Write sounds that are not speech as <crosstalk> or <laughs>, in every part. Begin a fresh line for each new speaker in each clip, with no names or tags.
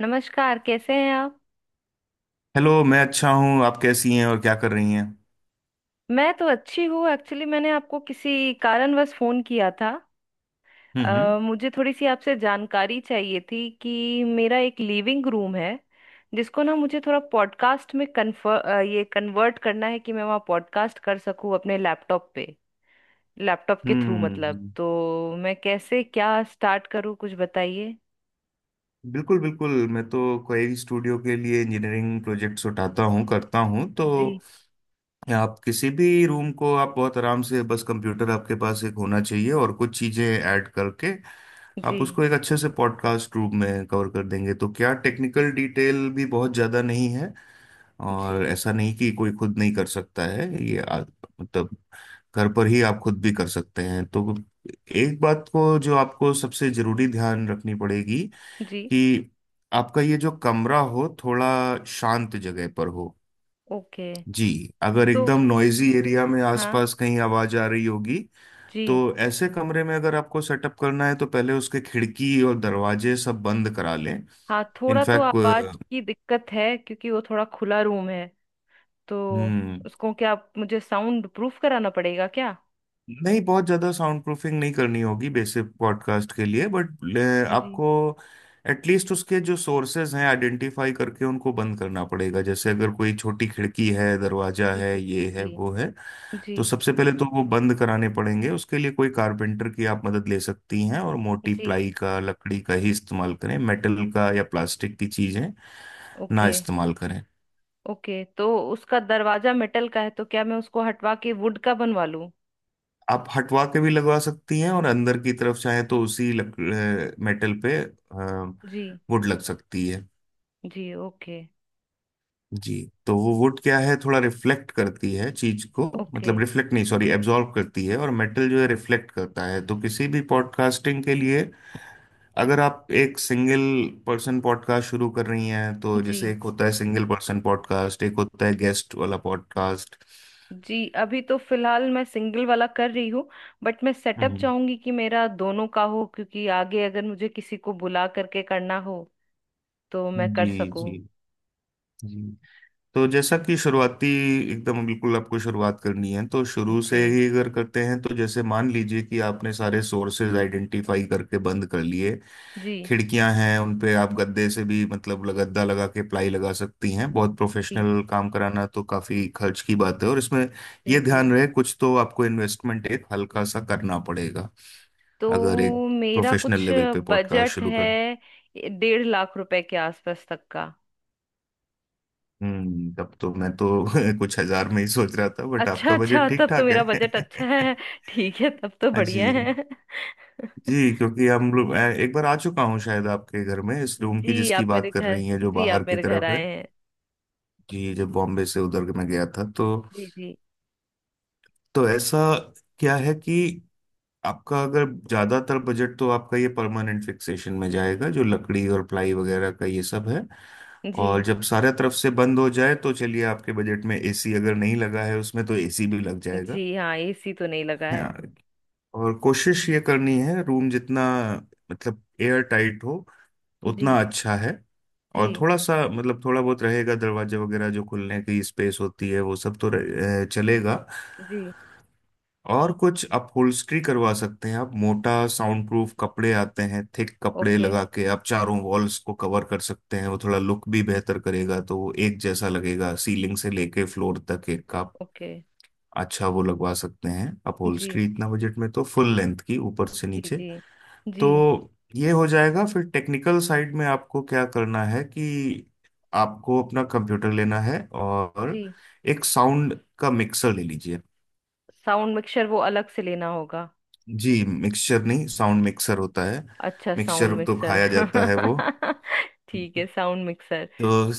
नमस्कार। कैसे हैं आप?
हेलो। मैं अच्छा हूँ, आप कैसी हैं और क्या कर रही हैं?
मैं तो अच्छी हूँ। एक्चुअली मैंने आपको किसी कारणवश फोन किया था।
हम्म हम्म।
मुझे थोड़ी सी आपसे जानकारी चाहिए थी कि मेरा एक लिविंग रूम है, जिसको ना मुझे थोड़ा पॉडकास्ट में कन्फर ये कन्वर्ट करना है कि मैं वहाँ पॉडकास्ट कर सकूँ अपने लैपटॉप पे, लैपटॉप के थ्रू मतलब।
हम्म
तो मैं कैसे क्या स्टार्ट करूँ, कुछ बताइए।
बिल्कुल बिल्कुल, मैं तो कोई स्टूडियो के लिए इंजीनियरिंग प्रोजेक्ट्स उठाता हूँ करता हूँ। तो
जी।
आप किसी भी रूम को आप बहुत आराम से, बस कंप्यूटर आपके पास एक होना चाहिए और कुछ चीज़ें ऐड करके आप
जी।
उसको एक अच्छे से पॉडकास्ट रूप में कवर कर देंगे। तो क्या टेक्निकल डिटेल भी बहुत ज़्यादा नहीं है, और
जी।
ऐसा नहीं कि कोई खुद नहीं कर सकता है ये। मतलब घर पर ही आप खुद भी कर सकते हैं। तो एक बात को जो आपको सबसे जरूरी ध्यान रखनी पड़ेगी
जी।
कि आपका ये जो कमरा हो थोड़ा शांत जगह पर हो।
ओके।
जी। अगर
तो
एकदम नॉइजी एरिया में
हाँ,
आसपास कहीं आवाज आ रही होगी
जी।
तो ऐसे कमरे में अगर आपको सेटअप करना है तो पहले उसके खिड़की और दरवाजे सब बंद करा लें।
हाँ, थोड़ा तो
इनफैक्ट।
आवाज की दिक्कत है क्योंकि वो थोड़ा खुला रूम है। तो
हम्म,
उसको क्या मुझे साउंड प्रूफ कराना पड़ेगा क्या?
नहीं बहुत ज़्यादा साउंड प्रूफिंग नहीं करनी होगी बेसिक पॉडकास्ट के लिए, बट
जी।
आपको एटलीस्ट उसके जो सोर्सेज हैं आइडेंटिफाई करके उनको बंद करना पड़ेगा। जैसे अगर कोई छोटी खिड़की है, दरवाजा
जी।
है, ये है
जी।
वो है,
जी।
तो सबसे पहले तो वो बंद कराने पड़ेंगे। उसके लिए कोई कारपेंटर की आप मदद ले सकती हैं, और मोटी
जी।
प्लाई का लकड़ी का ही इस्तेमाल करें, मेटल का या प्लास्टिक की चीज़ें ना
ओके।
इस्तेमाल करें।
ओके। तो उसका दरवाजा मेटल का है, तो क्या मैं उसको हटवा के वुड का बनवा लूं?
आप हटवा के भी लगवा सकती हैं, और अंदर की तरफ चाहे तो उसी मेटल पे
जी।
वुड लग सकती है।
जी। ओके।
जी। तो वो वुड क्या है थोड़ा रिफ्लेक्ट करती है चीज को,
ओके।
मतलब रिफ्लेक्ट नहीं सॉरी एब्जॉर्ब करती है, और मेटल जो है रिफ्लेक्ट करता है। तो किसी भी पॉडकास्टिंग के लिए, अगर आप एक सिंगल पर्सन पॉडकास्ट शुरू कर रही हैं तो
जी।
जैसे एक होता है सिंगल पर्सन पॉडकास्ट, एक होता है गेस्ट वाला पॉडकास्ट।
जी, अभी तो फिलहाल मैं सिंगल वाला कर रही हूँ, बट मैं सेटअप
हम्म।
चाहूंगी कि मेरा दोनों का हो, क्योंकि आगे अगर मुझे किसी को बुला करके करना हो तो मैं
जी
कर सकूं।
जी जी। तो जैसा कि शुरुआती एकदम बिल्कुल आपको शुरुआत करनी है तो शुरू से
जी।
ही अगर करते हैं तो जैसे मान लीजिए कि आपने सारे सोर्सेज आइडेंटिफाई करके बंद कर लिए।
जी।
खिड़कियां हैं उन पे आप गद्दे से भी मतलब गद्दा लगा के प्लाई लगा सकती हैं। बहुत
जी।
प्रोफेशनल काम कराना तो काफी खर्च की बात है, और इसमें ये
जी। जी।
ध्यान रहे कुछ तो आपको इन्वेस्टमेंट एक हल्का सा करना पड़ेगा अगर एक
तो मेरा
प्रोफेशनल
कुछ
लेवल पे पॉडकास्ट
बजट
शुरू कर।
है 1.5 लाख रुपए के आसपास तक का।
तब तो मैं तो <laughs> कुछ हजार में ही सोच रहा था, बट
अच्छा,
आपका
अच्छा,
बजट ठीक
तब तो
ठाक
मेरा
है।
बजट अच्छा है।
<laughs>
<laughs> ठीक है, तब तो
हाँ
बढ़िया
जी।
है। <laughs>
जी, क्योंकि हम लोग एक बार आ चुका हूँ शायद आपके घर में, इस रूम की
जी। आप
जिसकी
मेरे
बात कर
घर
रही है जो
जी, आप
बाहर की
मेरे घर
तरफ है।
आए हैं।
जी जब बॉम्बे से उधर मैं गया था तो।
जी। जी।
तो ऐसा क्या है कि आपका अगर ज्यादातर बजट तो आपका ये परमानेंट फिक्सेशन में जाएगा, जो लकड़ी और प्लाई वगैरह का ये सब है। और
जी।
जब सारे तरफ से बंद हो जाए तो चलिए, आपके बजट में एसी अगर नहीं लगा है उसमें तो एसी भी लग जाएगा।
जी, हाँ, एसी तो नहीं लगा
हाँ।
है।
और कोशिश ये करनी है रूम जितना मतलब एयर टाइट हो
जी।
उतना अच्छा है। और
जी।
थोड़ा सा मतलब थोड़ा बहुत रहेगा दरवाजे वगैरह जो खुलने की स्पेस होती है वो सब तो चलेगा।
जी।
और कुछ अपहोल्स्ट्री करवा सकते हैं आप, मोटा साउंड प्रूफ कपड़े आते हैं, थिक कपड़े
ओके।
लगा के आप चारों वॉल्स को कवर कर सकते हैं। वो थोड़ा लुक भी बेहतर करेगा, तो वो एक जैसा लगेगा सीलिंग से लेके फ्लोर तक एक। आप
ओके।
अच्छा वो लगवा सकते हैं
जी।
अपहोल्स्ट्री, इतना बजट में तो फुल लेंथ की ऊपर से
जी।
नीचे
जी।
तो
जी।
ये हो जाएगा। फिर टेक्निकल साइड में आपको क्या करना है कि आपको अपना कंप्यूटर लेना है और
जी।
एक साउंड का मिक्सर ले लीजिए।
साउंड मिक्सर वो अलग से लेना होगा?
जी मिक्सचर नहीं, साउंड मिक्सर होता है।
अच्छा, साउंड
मिक्सचर तो
मिक्सर।
खाया जाता है वो।
<laughs> ठीक है, साउंड मिक्सर।
तो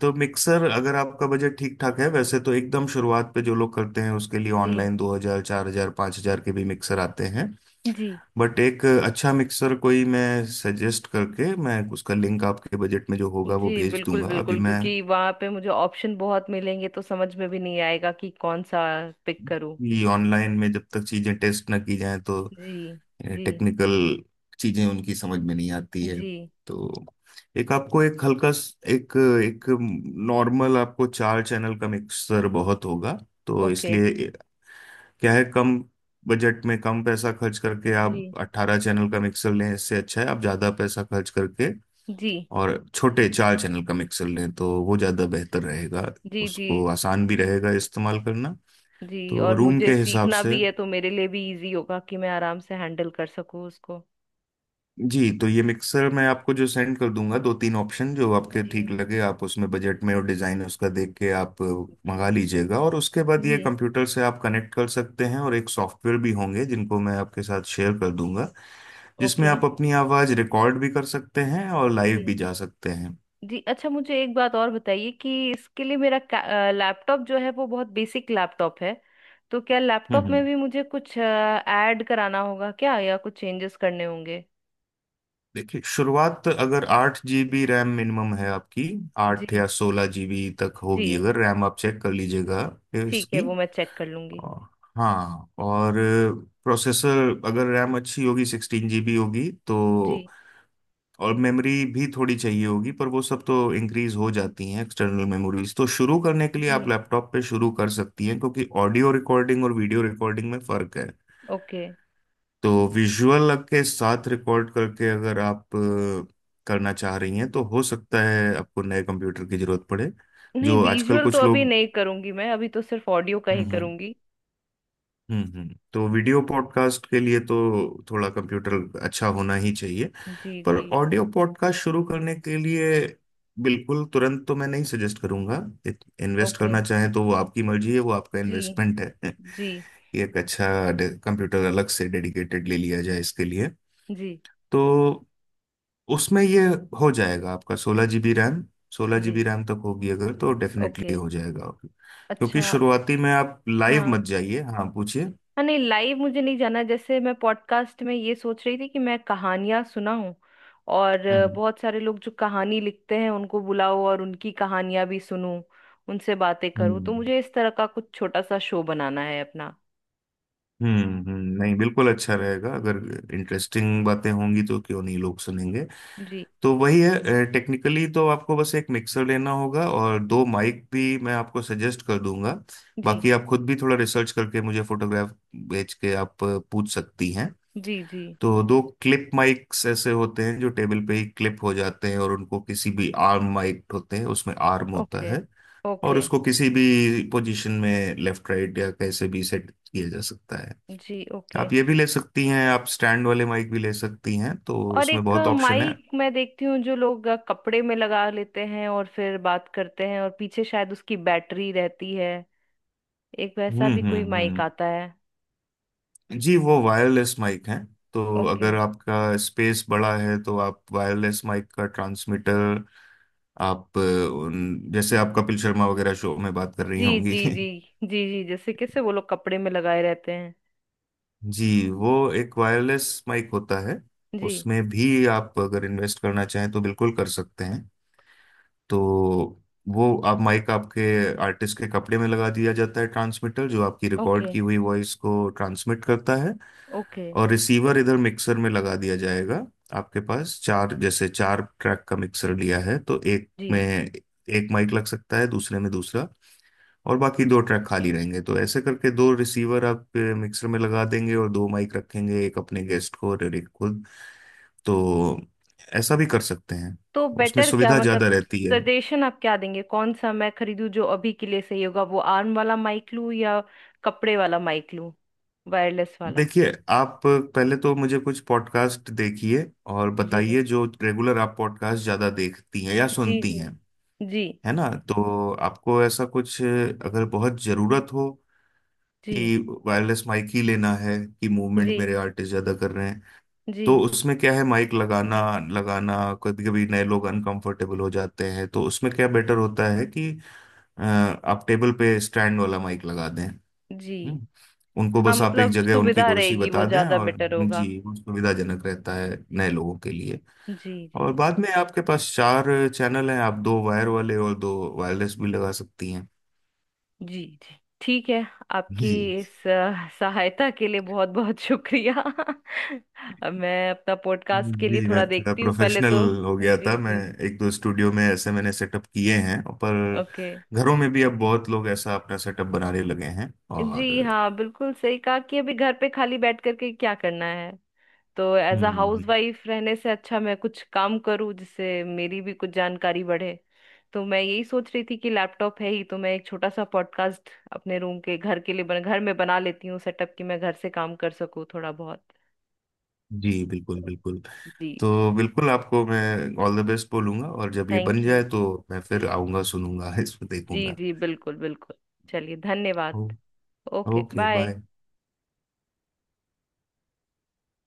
तो मिक्सर अगर आपका बजट ठीक ठाक है, वैसे तो एकदम शुरुआत पे जो लोग करते हैं उसके लिए
जी।
ऑनलाइन 2,000 4,000 5,000 के भी मिक्सर आते हैं,
जी।
बट एक अच्छा मिक्सर कोई मैं सजेस्ट करके, मैं उसका लिंक आपके बजट में जो होगा वो
जी,
भेज
बिल्कुल
दूंगा अभी
बिल्कुल,
मैं।
क्योंकि वहां पे मुझे ऑप्शन बहुत मिलेंगे तो समझ में भी नहीं आएगा कि कौन सा पिक करूं।
ये ऑनलाइन में जब तक चीज़ें टेस्ट ना की जाएं तो
जी। जी।
टेक्निकल चीज़ें उनकी समझ में नहीं आती है।
जी।
तो एक आपको एक हल्का स- एक एक नॉर्मल आपको चार चैनल का मिक्सर बहुत होगा। तो
ओके।
इसलिए क्या है कम बजट में कम पैसा खर्च करके आप
जी।
18 चैनल का मिक्सर लें इससे अच्छा है आप ज़्यादा पैसा खर्च करके
जी।
और छोटे चार चैनल का मिक्सर लें तो वो ज़्यादा बेहतर रहेगा।
जी। जी।
उसको आसान भी रहेगा इस्तेमाल करना,
जी।
तो
और
रूम
मुझे
के हिसाब
सीखना
से।
भी है तो मेरे लिए भी इजी होगा कि मैं आराम से हैंडल कर सकूं उसको।
जी तो ये मिक्सर मैं आपको जो सेंड कर दूंगा दो तीन ऑप्शन जो आपके
जी।
ठीक लगे आप उसमें बजट में और डिज़ाइन उसका देख के आप मंगा
जी।
लीजिएगा, और उसके बाद ये
जी।
कंप्यूटर से आप कनेक्ट कर सकते हैं, और एक सॉफ्टवेयर भी होंगे जिनको मैं आपके साथ शेयर कर दूंगा जिसमें
ओके।
आप अपनी आवाज़ रिकॉर्ड भी कर सकते हैं और लाइव
जी।
भी जा सकते हैं।
जी। अच्छा, मुझे एक बात और बताइए कि इसके लिए मेरा लैपटॉप जो है वो बहुत बेसिक लैपटॉप है। तो क्या लैपटॉप में
हम्म।
भी मुझे कुछ ऐड कराना होगा क्या, या कुछ चेंजेस करने होंगे?
देखिए शुरुआत अगर 8 जीबी रैम मिनिमम है आपकी, आठ
जी।
या 16 जीबी तक
जी।
होगी अगर रैम, आप चेक कर लीजिएगा
ठीक है,
इसकी।
वो मैं चेक कर लूंगी।
और हाँ, और प्रोसेसर अगर रैम अच्छी होगी 16 जीबी होगी
जी।
तो और मेमोरी भी थोड़ी चाहिए होगी, पर वो सब तो इंक्रीज हो जाती हैं एक्सटर्नल मेमोरीज। तो शुरू करने के लिए आप
जी।
लैपटॉप पे शुरू कर सकती हैं क्योंकि ऑडियो रिकॉर्डिंग और वीडियो रिकॉर्डिंग में फर्क है।
ओके।
तो विजुअल के साथ रिकॉर्ड करके अगर आप करना चाह रही हैं तो हो सकता है आपको नए कंप्यूटर की जरूरत पड़े
नहीं,
जो आजकल
विजुअल तो
कुछ
अभी
लोग।
नहीं करूंगी, मैं अभी तो सिर्फ ऑडियो का
हम्म
ही
हम्म
करूंगी।
तो वीडियो पॉडकास्ट के लिए तो थोड़ा कंप्यूटर अच्छा होना ही चाहिए,
जी।
पर
जी।
ऑडियो पॉडकास्ट शुरू करने के लिए बिल्कुल तुरंत तो मैं नहीं सजेस्ट करूंगा। Invest
okay.
करना चाहें तो वो आपकी मर्जी है, वो आपका
जी।
इन्वेस्टमेंट है <laughs>
जी।
कि एक अच्छा कंप्यूटर अलग से डेडिकेटेड ले लिया जाए इसके लिए।
जी।
तो उसमें ये हो जाएगा, आपका 16 जीबी रैम, 16 जीबी
जी।
रैम तक होगी अगर तो
ओके।
डेफिनेटली हो जाएगा। क्योंकि
अच्छा।
शुरुआती में आप लाइव
हाँ।
मत जाइए। हाँ पूछिए।
हाँ, नहीं, लाइव मुझे नहीं जाना। जैसे मैं पॉडकास्ट में ये सोच रही थी कि मैं कहानियां सुनाऊं, और
हम्म
बहुत सारे लोग जो कहानी लिखते हैं उनको बुलाओ और उनकी कहानियां भी सुनूं, उनसे बातें करूं। तो
हम्म
मुझे इस तरह का कुछ छोटा सा शो बनाना है अपना।
हम्म हम्म। नहीं बिल्कुल अच्छा रहेगा, अगर इंटरेस्टिंग बातें होंगी तो क्यों नहीं लोग सुनेंगे।
जी।
तो वही है, टेक्निकली तो आपको बस एक मिक्सर लेना होगा और दो माइक भी मैं आपको सजेस्ट कर दूंगा।
जी।
बाकी आप खुद भी थोड़ा रिसर्च करके मुझे फोटोग्राफ भेज के आप पूछ सकती हैं।
जी। जी।
तो दो क्लिप माइक्स ऐसे होते हैं जो टेबल पे ही क्लिप हो जाते हैं, और उनको किसी भी आर्म माइक होते हैं उसमें आर्म होता
ओके।
है, और
ओके।
उसको किसी भी पोजीशन में लेफ्ट राइट या कैसे भी सेट किया जा सकता है।
जी। ओके।
आप ये भी ले सकती हैं, आप स्टैंड वाले माइक भी ले सकती हैं, तो
और
उसमें
एक
बहुत ऑप्शन है।
माइक मैं देखती हूँ जो लोग कपड़े में लगा लेते हैं और फिर बात करते हैं, और पीछे शायद उसकी बैटरी रहती है। एक वैसा भी कोई माइक
हम्म।
आता है?
जी वो वायरलेस माइक है। तो
ओके।
अगर आपका स्पेस बड़ा है तो आप वायरलेस माइक का ट्रांसमीटर आप जैसे आप कपिल शर्मा वगैरह शो में बात कर रही
जी।
होंगी।
जी। जी।
<laughs>
जी। जी, जैसे कैसे वो लोग कपड़े में लगाए रहते हैं।
जी वो एक वायरलेस माइक होता है।
जी।
उसमें भी आप अगर इन्वेस्ट करना चाहें तो बिल्कुल कर सकते हैं। तो वो आप माइक आपके आर्टिस्ट के कपड़े में लगा दिया जाता है, ट्रांसमीटर जो आपकी रिकॉर्ड
ओके।
की हुई वॉइस को ट्रांसमिट करता है,
ओके।
और रिसीवर इधर मिक्सर में लगा दिया जाएगा। आपके पास चार, जैसे चार ट्रैक का मिक्सर लिया है तो एक में
जी।
एक माइक लग सकता है, दूसरे में दूसरा, और बाकी दो ट्रैक खाली रहेंगे, तो ऐसे करके दो रिसीवर आप मिक्सर में लगा देंगे और दो माइक रखेंगे, एक अपने गेस्ट को और एक खुद। तो ऐसा भी कर सकते हैं।
तो
उसमें
बेटर क्या,
सुविधा
मतलब
ज़्यादा रहती है।
सजेशन आप क्या देंगे, कौन सा मैं खरीदूं जो अभी के लिए सही होगा? वो आर्म वाला माइक लूं या कपड़े वाला माइक लूं, वायरलेस वाला?
देखिए आप पहले तो मुझे कुछ पॉडकास्ट देखिए और
जी।
बताइए जो रेगुलर आप पॉडकास्ट ज़्यादा देखती हैं या
जी।
सुनती
जी।
हैं,
जी।
है ना? तो आपको ऐसा कुछ अगर बहुत ज़रूरत हो
जी।
कि वायरलेस माइक ही लेना है, कि
जी।
मूवमेंट मेरे आर्टिस्ट ज़्यादा कर रहे हैं,
जी।
तो उसमें क्या है माइक लगाना लगाना। कभी कभी नए लोग अनकंफर्टेबल हो जाते हैं तो उसमें क्या बेटर होता है कि आप टेबल पे स्टैंड वाला माइक लगा दें।
जी,
हम्म। उनको
हाँ,
बस आप एक
मतलब
जगह उनकी
सुविधा
कुर्सी
रहेगी, वो
बता दें,
ज्यादा
और
बेटर होगा।
जी, वो सुविधाजनक रहता है नए लोगों के लिए।
जी। जी।
और बाद में आपके पास चार चैनल हैं, आप दो वायर वाले और दो वायरलेस भी लगा सकती हैं।
जी। जी। ठीक है। आपकी
जी
इस सहायता के लिए बहुत बहुत शुक्रिया। <laughs> अब मैं अपना पॉडकास्ट के लिए
जी। मैं
थोड़ा
थोड़ा
देखती हूँ पहले
प्रोफेशनल
तो।
हो गया
जी।
था मैं,
जी।
एक दो स्टूडियो में ऐसे मैंने सेटअप किए हैं, पर
ओके।
घरों में भी अब बहुत लोग ऐसा अपना सेटअप बनाने लगे हैं
जी,
और।
हाँ, बिल्कुल सही कहा कि अभी घर पे खाली बैठ करके क्या करना है। तो as a house
hmm.
Wife रहने से अच्छा मैं कुछ काम करूँ जिससे मेरी भी कुछ जानकारी बढ़े। तो मैं यही सोच रही थी कि लैपटॉप है ही, तो मैं एक छोटा सा पॉडकास्ट अपने रूम के घर के लिए घर में बना लेती हूँ सेटअप, कि मैं घर से काम कर सकूँ थोड़ा बहुत।
जी बिल्कुल
तो
बिल्कुल।
जी,
तो बिल्कुल आपको मैं ऑल द बेस्ट बोलूंगा, और जब ये बन
थैंक यू।
जाए तो मैं
जी।
फिर आऊंगा सुनूंगा <laughs> इसमें
जी।
देखूंगा।
जी, बिल्कुल बिल्कुल। चलिए, धन्यवाद।
ओ,
ओके,
ओके
बाय।
बाय।